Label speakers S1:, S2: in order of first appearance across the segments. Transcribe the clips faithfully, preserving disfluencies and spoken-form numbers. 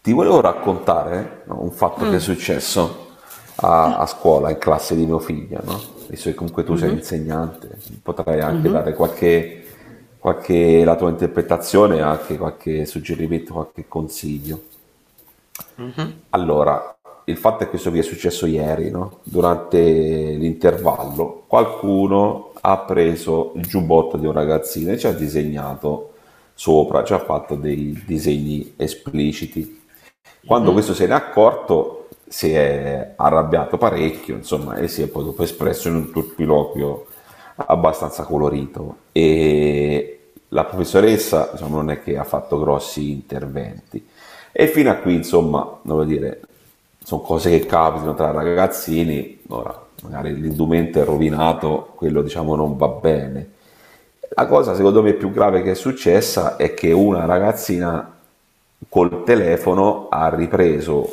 S1: Ti volevo raccontare, no, un fatto che è
S2: Mh.
S1: successo a,
S2: Ah.
S1: a scuola, in classe di mio figlio, no? Visto che comunque tu sei
S2: Mh-mh,
S1: insegnante, potrai anche
S2: mh-mh,
S1: dare qualche, qualche- la tua interpretazione, anche qualche suggerimento, qualche consiglio.
S2: mh-mh,
S1: Allora, il fatto è che questo vi è successo ieri, no? Durante l'intervallo, qualcuno ha preso il giubbotto di un ragazzino e ci ha disegnato sopra, ci ha fatto dei disegni espliciti. Quando
S2: mh-mh,
S1: questo se n'è accorto si è arrabbiato parecchio, insomma, e si è poi dopo espresso in un turpiloquio abbastanza colorito. E la professoressa, insomma, non è che ha fatto grossi interventi. E fino a qui, insomma, devo dire, sono cose che capitano tra ragazzini. Ora, magari l'indumento è rovinato, quello diciamo non va bene. La cosa secondo me più grave che è successa è che una ragazzina col telefono ha ripreso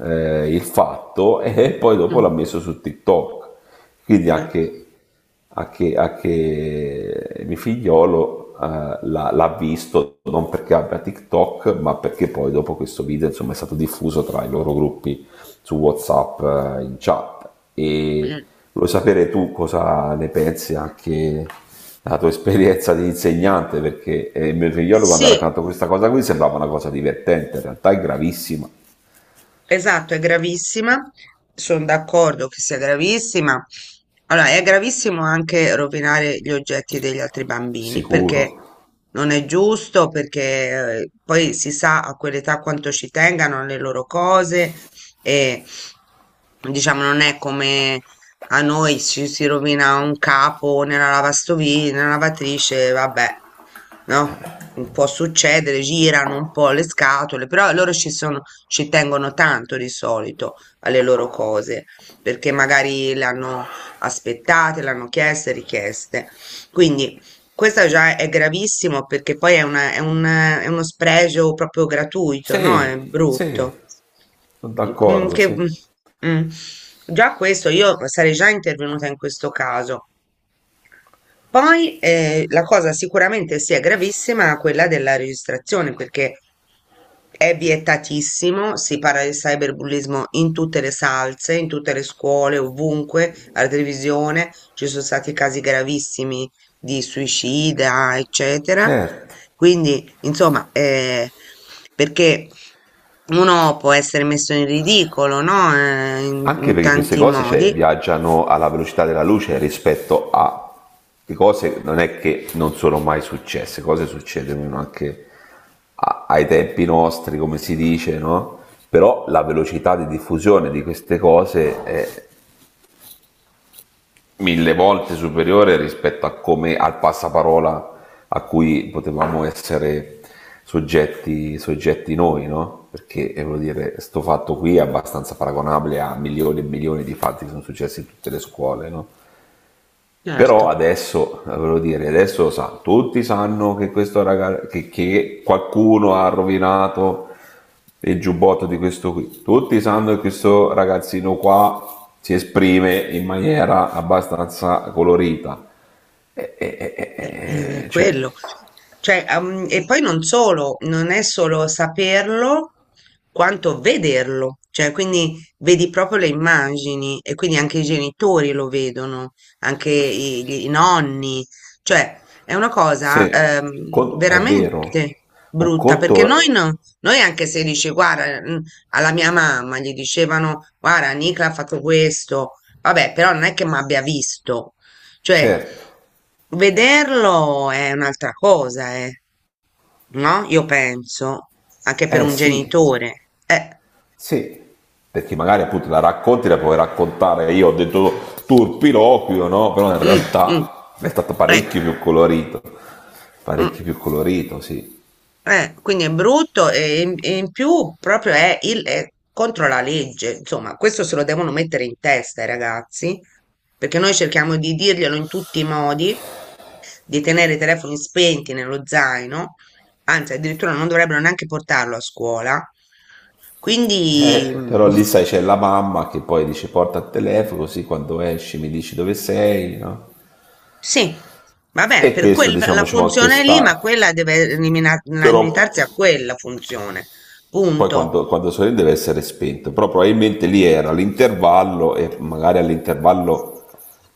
S1: eh, il fatto e poi dopo
S2: mh.
S1: l'ha messo su TikTok. Quindi
S2: Eh.
S1: anche, anche, anche mio figliolo eh, l'ha, l'ha visto, non perché abbia TikTok, ma perché poi dopo questo video, insomma, è stato diffuso tra i loro gruppi su WhatsApp eh, in chat.
S2: Eh,
S1: E,
S2: eh.
S1: vuoi sapere tu cosa ne pensi anche dalla tua esperienza di insegnante? Perché eh, il mio figliolo quando ha
S2: Sì.
S1: raccontato questa cosa qui sembrava una cosa divertente, in realtà è gravissima,
S2: Esatto, è gravissima, sono d'accordo che sia gravissima. Allora, è gravissimo anche rovinare gli oggetti degli altri bambini,
S1: sicuro.
S2: perché non è giusto, perché eh, poi si sa a quell'età quanto ci tengano le loro cose e diciamo non è come a noi ci si rovina un capo nella lavastoviglie, nella lavatrice, vabbè, no? Può succedere, girano un po' le scatole, però loro ci sono ci tengono tanto di solito alle loro cose, perché magari le hanno aspettate, le hanno chieste, richieste. Quindi questo già è gravissimo perché poi è, una- è un- è uno spregio proprio gratuito, no? È
S1: Sì, sì,
S2: brutto.
S1: sono
S2: Mm,
S1: d'accordo,
S2: che-
S1: sì.
S2: mm, mm. Già questo, io sarei già intervenuta in questo caso. Poi eh, la cosa sicuramente sia gravissima quella della registrazione, perché è vietatissimo, si parla di cyberbullismo in tutte le salse, in tutte le scuole, ovunque, alla televisione, ci sono stati casi gravissimi di suicida, eccetera.
S1: Certo.
S2: Quindi, insomma, eh, perché uno può essere messo in ridicolo, no? Eh, in
S1: Anche
S2: in
S1: perché queste
S2: tanti
S1: cose, cioè,
S2: modi,
S1: viaggiano alla velocità della luce rispetto a le cose non è che non sono mai successe, cose succedono anche a- ai tempi nostri, come si dice, no? Però la velocità di diffusione di queste cose è mille volte superiore rispetto a come, al passaparola a cui potevamo essere soggetti, soggetti noi, no? Perché eh, voglio dire, sto fatto qui è abbastanza paragonabile a milioni e milioni di fatti che sono successi in tutte le scuole, no? Però
S2: certo.
S1: adesso, volevo dire, adesso sa, tutti sanno che questo ragazzo, che, che qualcuno ha rovinato il giubbotto di questo qui. Tutti sanno che questo ragazzino qua si esprime in maniera abbastanza colorita. E, e- e- e-
S2: Eh, mm,
S1: e- cioè,
S2: quello. Cioè, am- e poi non solo, non è solo saperlo, quanto vederlo. Cioè, quindi vedi proprio le immagini e quindi anche i genitori lo vedono, anche i, gli- i nonni. Cioè, è una cosa
S1: se
S2: ehm,
S1: con- è vero,
S2: veramente
S1: un
S2: brutta perché noi,
S1: conto,
S2: no- noi anche se dici, guarda, mm, alla mia mamma gli dicevano, guarda, Nicla ha fatto questo, vabbè, però non è che mi abbia visto. Cioè,
S1: certo,
S2: vederlo è un'altra cosa, eh, no? Io penso, anche per
S1: eh
S2: un
S1: sì,
S2: genitore. Eh,
S1: sì, perché magari appunto la racconti, la puoi raccontare, io ho detto turpiloquio, no? Però in
S2: mm, mm,
S1: realtà è stato
S2: eh,
S1: parecchio più colorito, parecchio più
S2: mm.
S1: colorito, sì.
S2: Eh, quindi è brutto e in, e in più proprio è, il- è contro la legge. Insomma, questo se lo devono mettere in testa i ragazzi, perché noi cerchiamo di dirglielo in tutti i modi, di tenere i telefoni spenti nello zaino, anzi addirittura non dovrebbero neanche portarlo a scuola. Quindi
S1: Eh, però
S2: mm,
S1: lì sai c'è la mamma che poi dice porta il telefono così quando esci mi dici dove sei, no?
S2: sì, va bene,
S1: E
S2: per
S1: questo
S2: quella
S1: diciamo ci può anche
S2: funzione lì, ma
S1: stare,
S2: quella deve elimina-
S1: però
S2: limitarsi a quella funzione,
S1: poi
S2: punto.
S1: quando, quando sorride deve essere spento, però probabilmente lì era l'intervallo e magari all'intervallo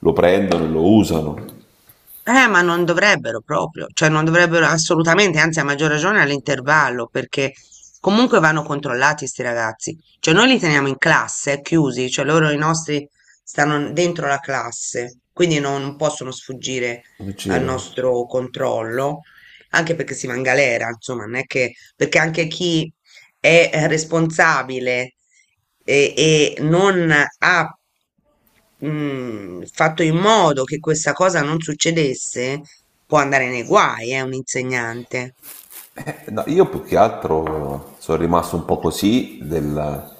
S1: lo prendono e lo usano.
S2: Eh, ma non dovrebbero proprio, cioè non dovrebbero assolutamente, anzi a maggior ragione all'intervallo, perché comunque vanno controllati sti ragazzi. Cioè noi li teniamo in classe, eh, chiusi, cioè loro i nostri stanno dentro la classe, quindi non possono sfuggire
S1: Che
S2: al
S1: c'era?
S2: nostro controllo, anche perché si va in galera, insomma, non è che, perché anche chi è eh, responsabile e, e non ha mm, fatto in modo che questa cosa non succedesse, può andare nei guai, eh, un insegnante.
S1: No, io più che altro sono rimasto un po' così del-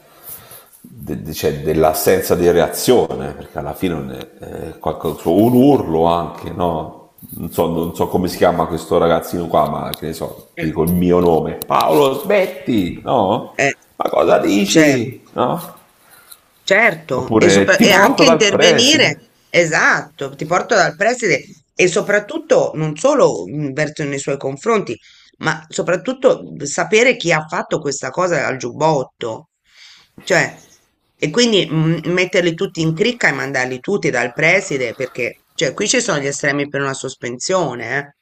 S1: de- de- cioè, dell'assenza di reazione, perché alla fine non è- è qualcosa- so, un urlo anche, no? Non so, non so come si chiama questo ragazzino qua, ma che ne so, ti
S2: Eh,
S1: dico il mio nome. Paolo, smetti, no?
S2: Eh,
S1: Ma cosa
S2: certo.
S1: dici? No?
S2: Certo, e,
S1: Oppure
S2: sopra-
S1: ti
S2: e
S1: porto
S2: anche
S1: dal
S2: intervenire,
S1: preside.
S2: esatto, ti porto dal preside e soprattutto non solo mh, verso nei suoi confronti, ma soprattutto mh, sapere chi ha fatto questa cosa al giubbotto. Cioè, e quindi mh, metterli tutti in cricca e mandarli tutti dal preside, perché cioè, qui ci sono gli estremi per una sospensione, eh,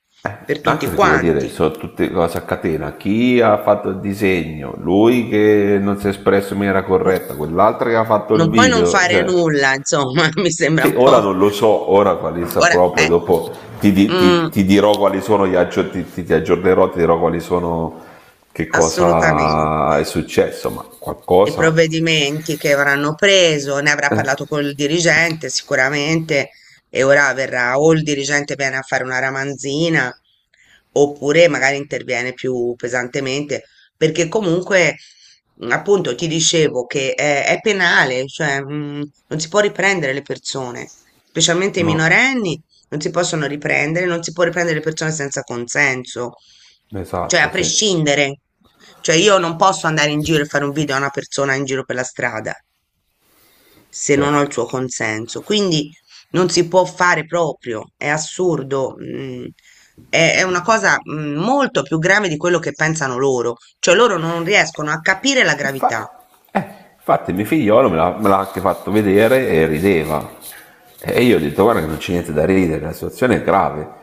S2: per tutti
S1: Anche perché vuol dire,
S2: quanti.
S1: sono tutte cose a catena. Chi ha fatto il disegno, lui che non si è espresso in maniera
S2: Eh,
S1: corretta, quell'altro che ha fatto il
S2: Non puoi non
S1: video,
S2: fare
S1: cioè...
S2: nulla, insomma, mi sembra
S1: Sì,
S2: un
S1: ora
S2: po'.
S1: non lo so, ora quali
S2: Ora,
S1: saprò, poi
S2: eh,
S1: dopo ti, di-
S2: mm.
S1: ti- ti dirò quali sono, gli aggio- ti, ti- ti aggiornerò, ti dirò quali sono, che
S2: Assolutamente.
S1: cosa è successo, ma
S2: I
S1: qualcosa...
S2: provvedimenti che avranno preso, ne avrà
S1: eh,
S2: parlato col dirigente sicuramente e ora verrà o il dirigente viene a fare una ramanzina oppure magari interviene più pesantemente perché comunque mh, appunto ti dicevo che è, è penale, cioè mh, non si può riprendere le persone, specialmente i
S1: no,
S2: minorenni non si possono riprendere, non si può riprendere le persone senza consenso, cioè
S1: esatto,
S2: a
S1: sì,
S2: prescindere. Cioè io non posso andare in giro e fare un video a una persona in giro per la strada se non ho il
S1: certo.
S2: suo consenso. Quindi non si può fare proprio, è assurdo. mm, È è una cosa mm, molto più grave di quello che pensano loro, cioè loro non riescono a capire la gravità.
S1: Infa- eh, Infatti mio figliolo me l'ha, me l'ha anche fatto vedere e rideva. E io ho detto guarda che non c'è niente da ridere, la situazione è grave.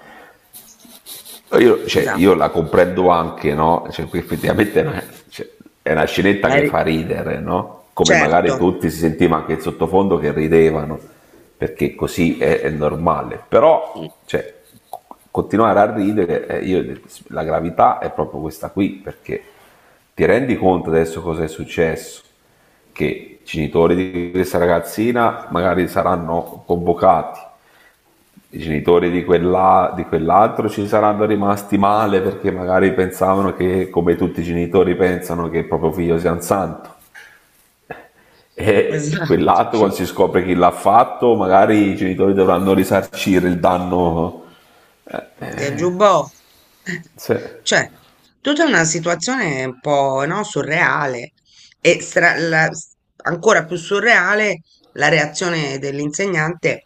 S1: Io, cioè, io
S2: Esatto,
S1: la comprendo anche, no? Cioè, qui effettivamente è una, cioè, è una scenetta
S2: la
S1: che
S2: ri-
S1: fa ridere, no? Come magari
S2: certo,
S1: tutti si sentiva anche in sottofondo che ridevano, perché così è, è normale.
S2: mm,
S1: Però, cioè, continuare a ridere, eh, io- la gravità è proprio questa qui, perché ti rendi conto adesso cosa è successo? Che i genitori di questa ragazzina magari saranno convocati, i genitori di, quella, di quell'altro ci saranno rimasti male perché magari pensavano che, come tutti i genitori pensano, che il proprio figlio sia un santo. E
S2: esatto.
S1: quell'altro, quando si scopre chi l'ha fatto, magari i genitori dovranno risarcire il danno. Eh,
S2: Del
S1: eh,
S2: giubbotto. Eh,
S1: sì,
S2: cioè, tutta una situazione un po', no, surreale e stra- la- s- ancora più surreale la reazione dell'insegnante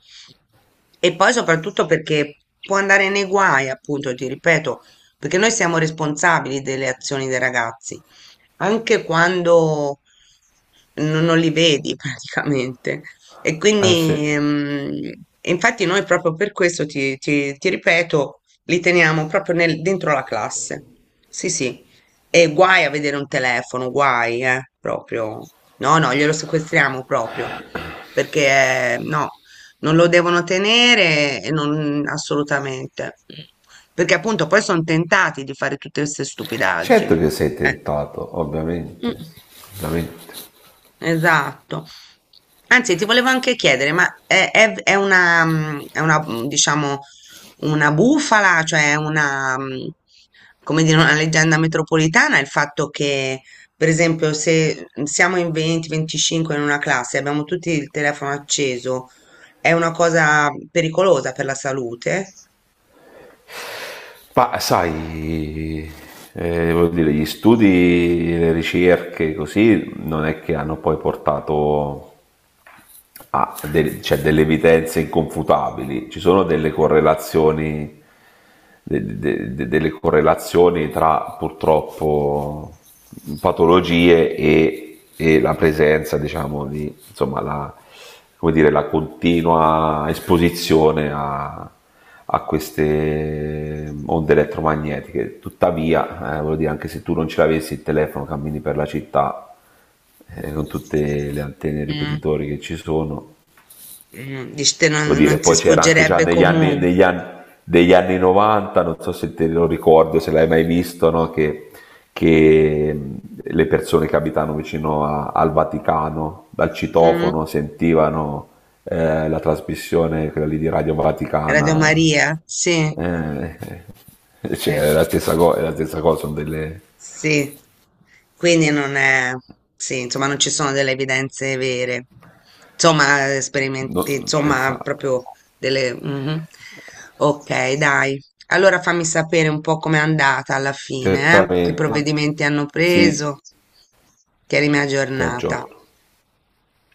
S2: e poi soprattutto perché può andare nei guai, appunto, ti ripeto, perché noi siamo responsabili delle azioni dei ragazzi, anche quando non, non li vedi praticamente. E
S1: eh,
S2: quindi,
S1: sì.
S2: mm, infatti noi proprio per questo ti, ti- ti ripeto, li teniamo proprio nel- dentro la classe. Sì, sì. E guai a vedere un telefono, guai, eh, proprio. No, no, glielo sequestriamo proprio. Perché eh, no, non lo devono tenere e non assolutamente. Perché appunto poi sono tentati di fare tutte queste
S1: Certo
S2: stupidaggini.
S1: che sei
S2: Eh.
S1: tentato,
S2: Mm.
S1: ovviamente. Ovviamente.
S2: Esatto. Anzi, ti volevo anche chiedere, ma è, è- è una, mm, è una, mm, diciamo, una bufala, cioè una, mm, come dire, una leggenda metropolitana, il fatto che, per esempio, se siamo in venti, venticinque in una classe e abbiamo tutti il telefono acceso, è una cosa pericolosa per la salute?
S1: Ma sai, eh, voglio dire, gli studi, le ricerche, così, non è che hanno poi portato ha del- cioè, delle evidenze inconfutabili, ci sono delle correlazioni, de- de- de- delle correlazioni tra purtroppo patologie e, e la presenza, diciamo, di, insomma, la, come dire, la continua esposizione a, a queste onde elettromagnetiche. Tuttavia, eh, voglio dire, anche se tu non ce l'avessi il telefono, cammini per la città eh, con tutte le antenne
S2: Mm,
S1: ripetitori che ci sono.
S2: mm, dici te non,
S1: Devo
S2: non
S1: dire,
S2: si
S1: poi c'era anche già
S2: sfuggerebbe
S1: negli anni,
S2: comunque.
S1: negli anni, degli anni novanta, non so se te lo ricordo, se l'hai mai visto, no? Che, che mh, le persone che abitano vicino a- al Vaticano, dal
S2: Mm,
S1: citofono, sentivano eh, la trasmissione, quella lì di Radio
S2: Radio
S1: Vaticana.
S2: Maria, sì.
S1: Eh, cioè, è
S2: Eh.
S1: la stessa cosa, è la stessa cosa, sono delle...
S2: Sì, quindi non è, sì, insomma, non ci sono delle evidenze vere, insomma, esperimenti,
S1: no,
S2: insomma,
S1: esatto,
S2: proprio delle... mhm. Ok, dai. Allora fammi sapere un po' com'è andata alla fine, eh? Che
S1: certamente.
S2: provvedimenti hanno preso,
S1: Sì,
S2: tienimi
S1: ti
S2: aggiornata.
S1: aggiorno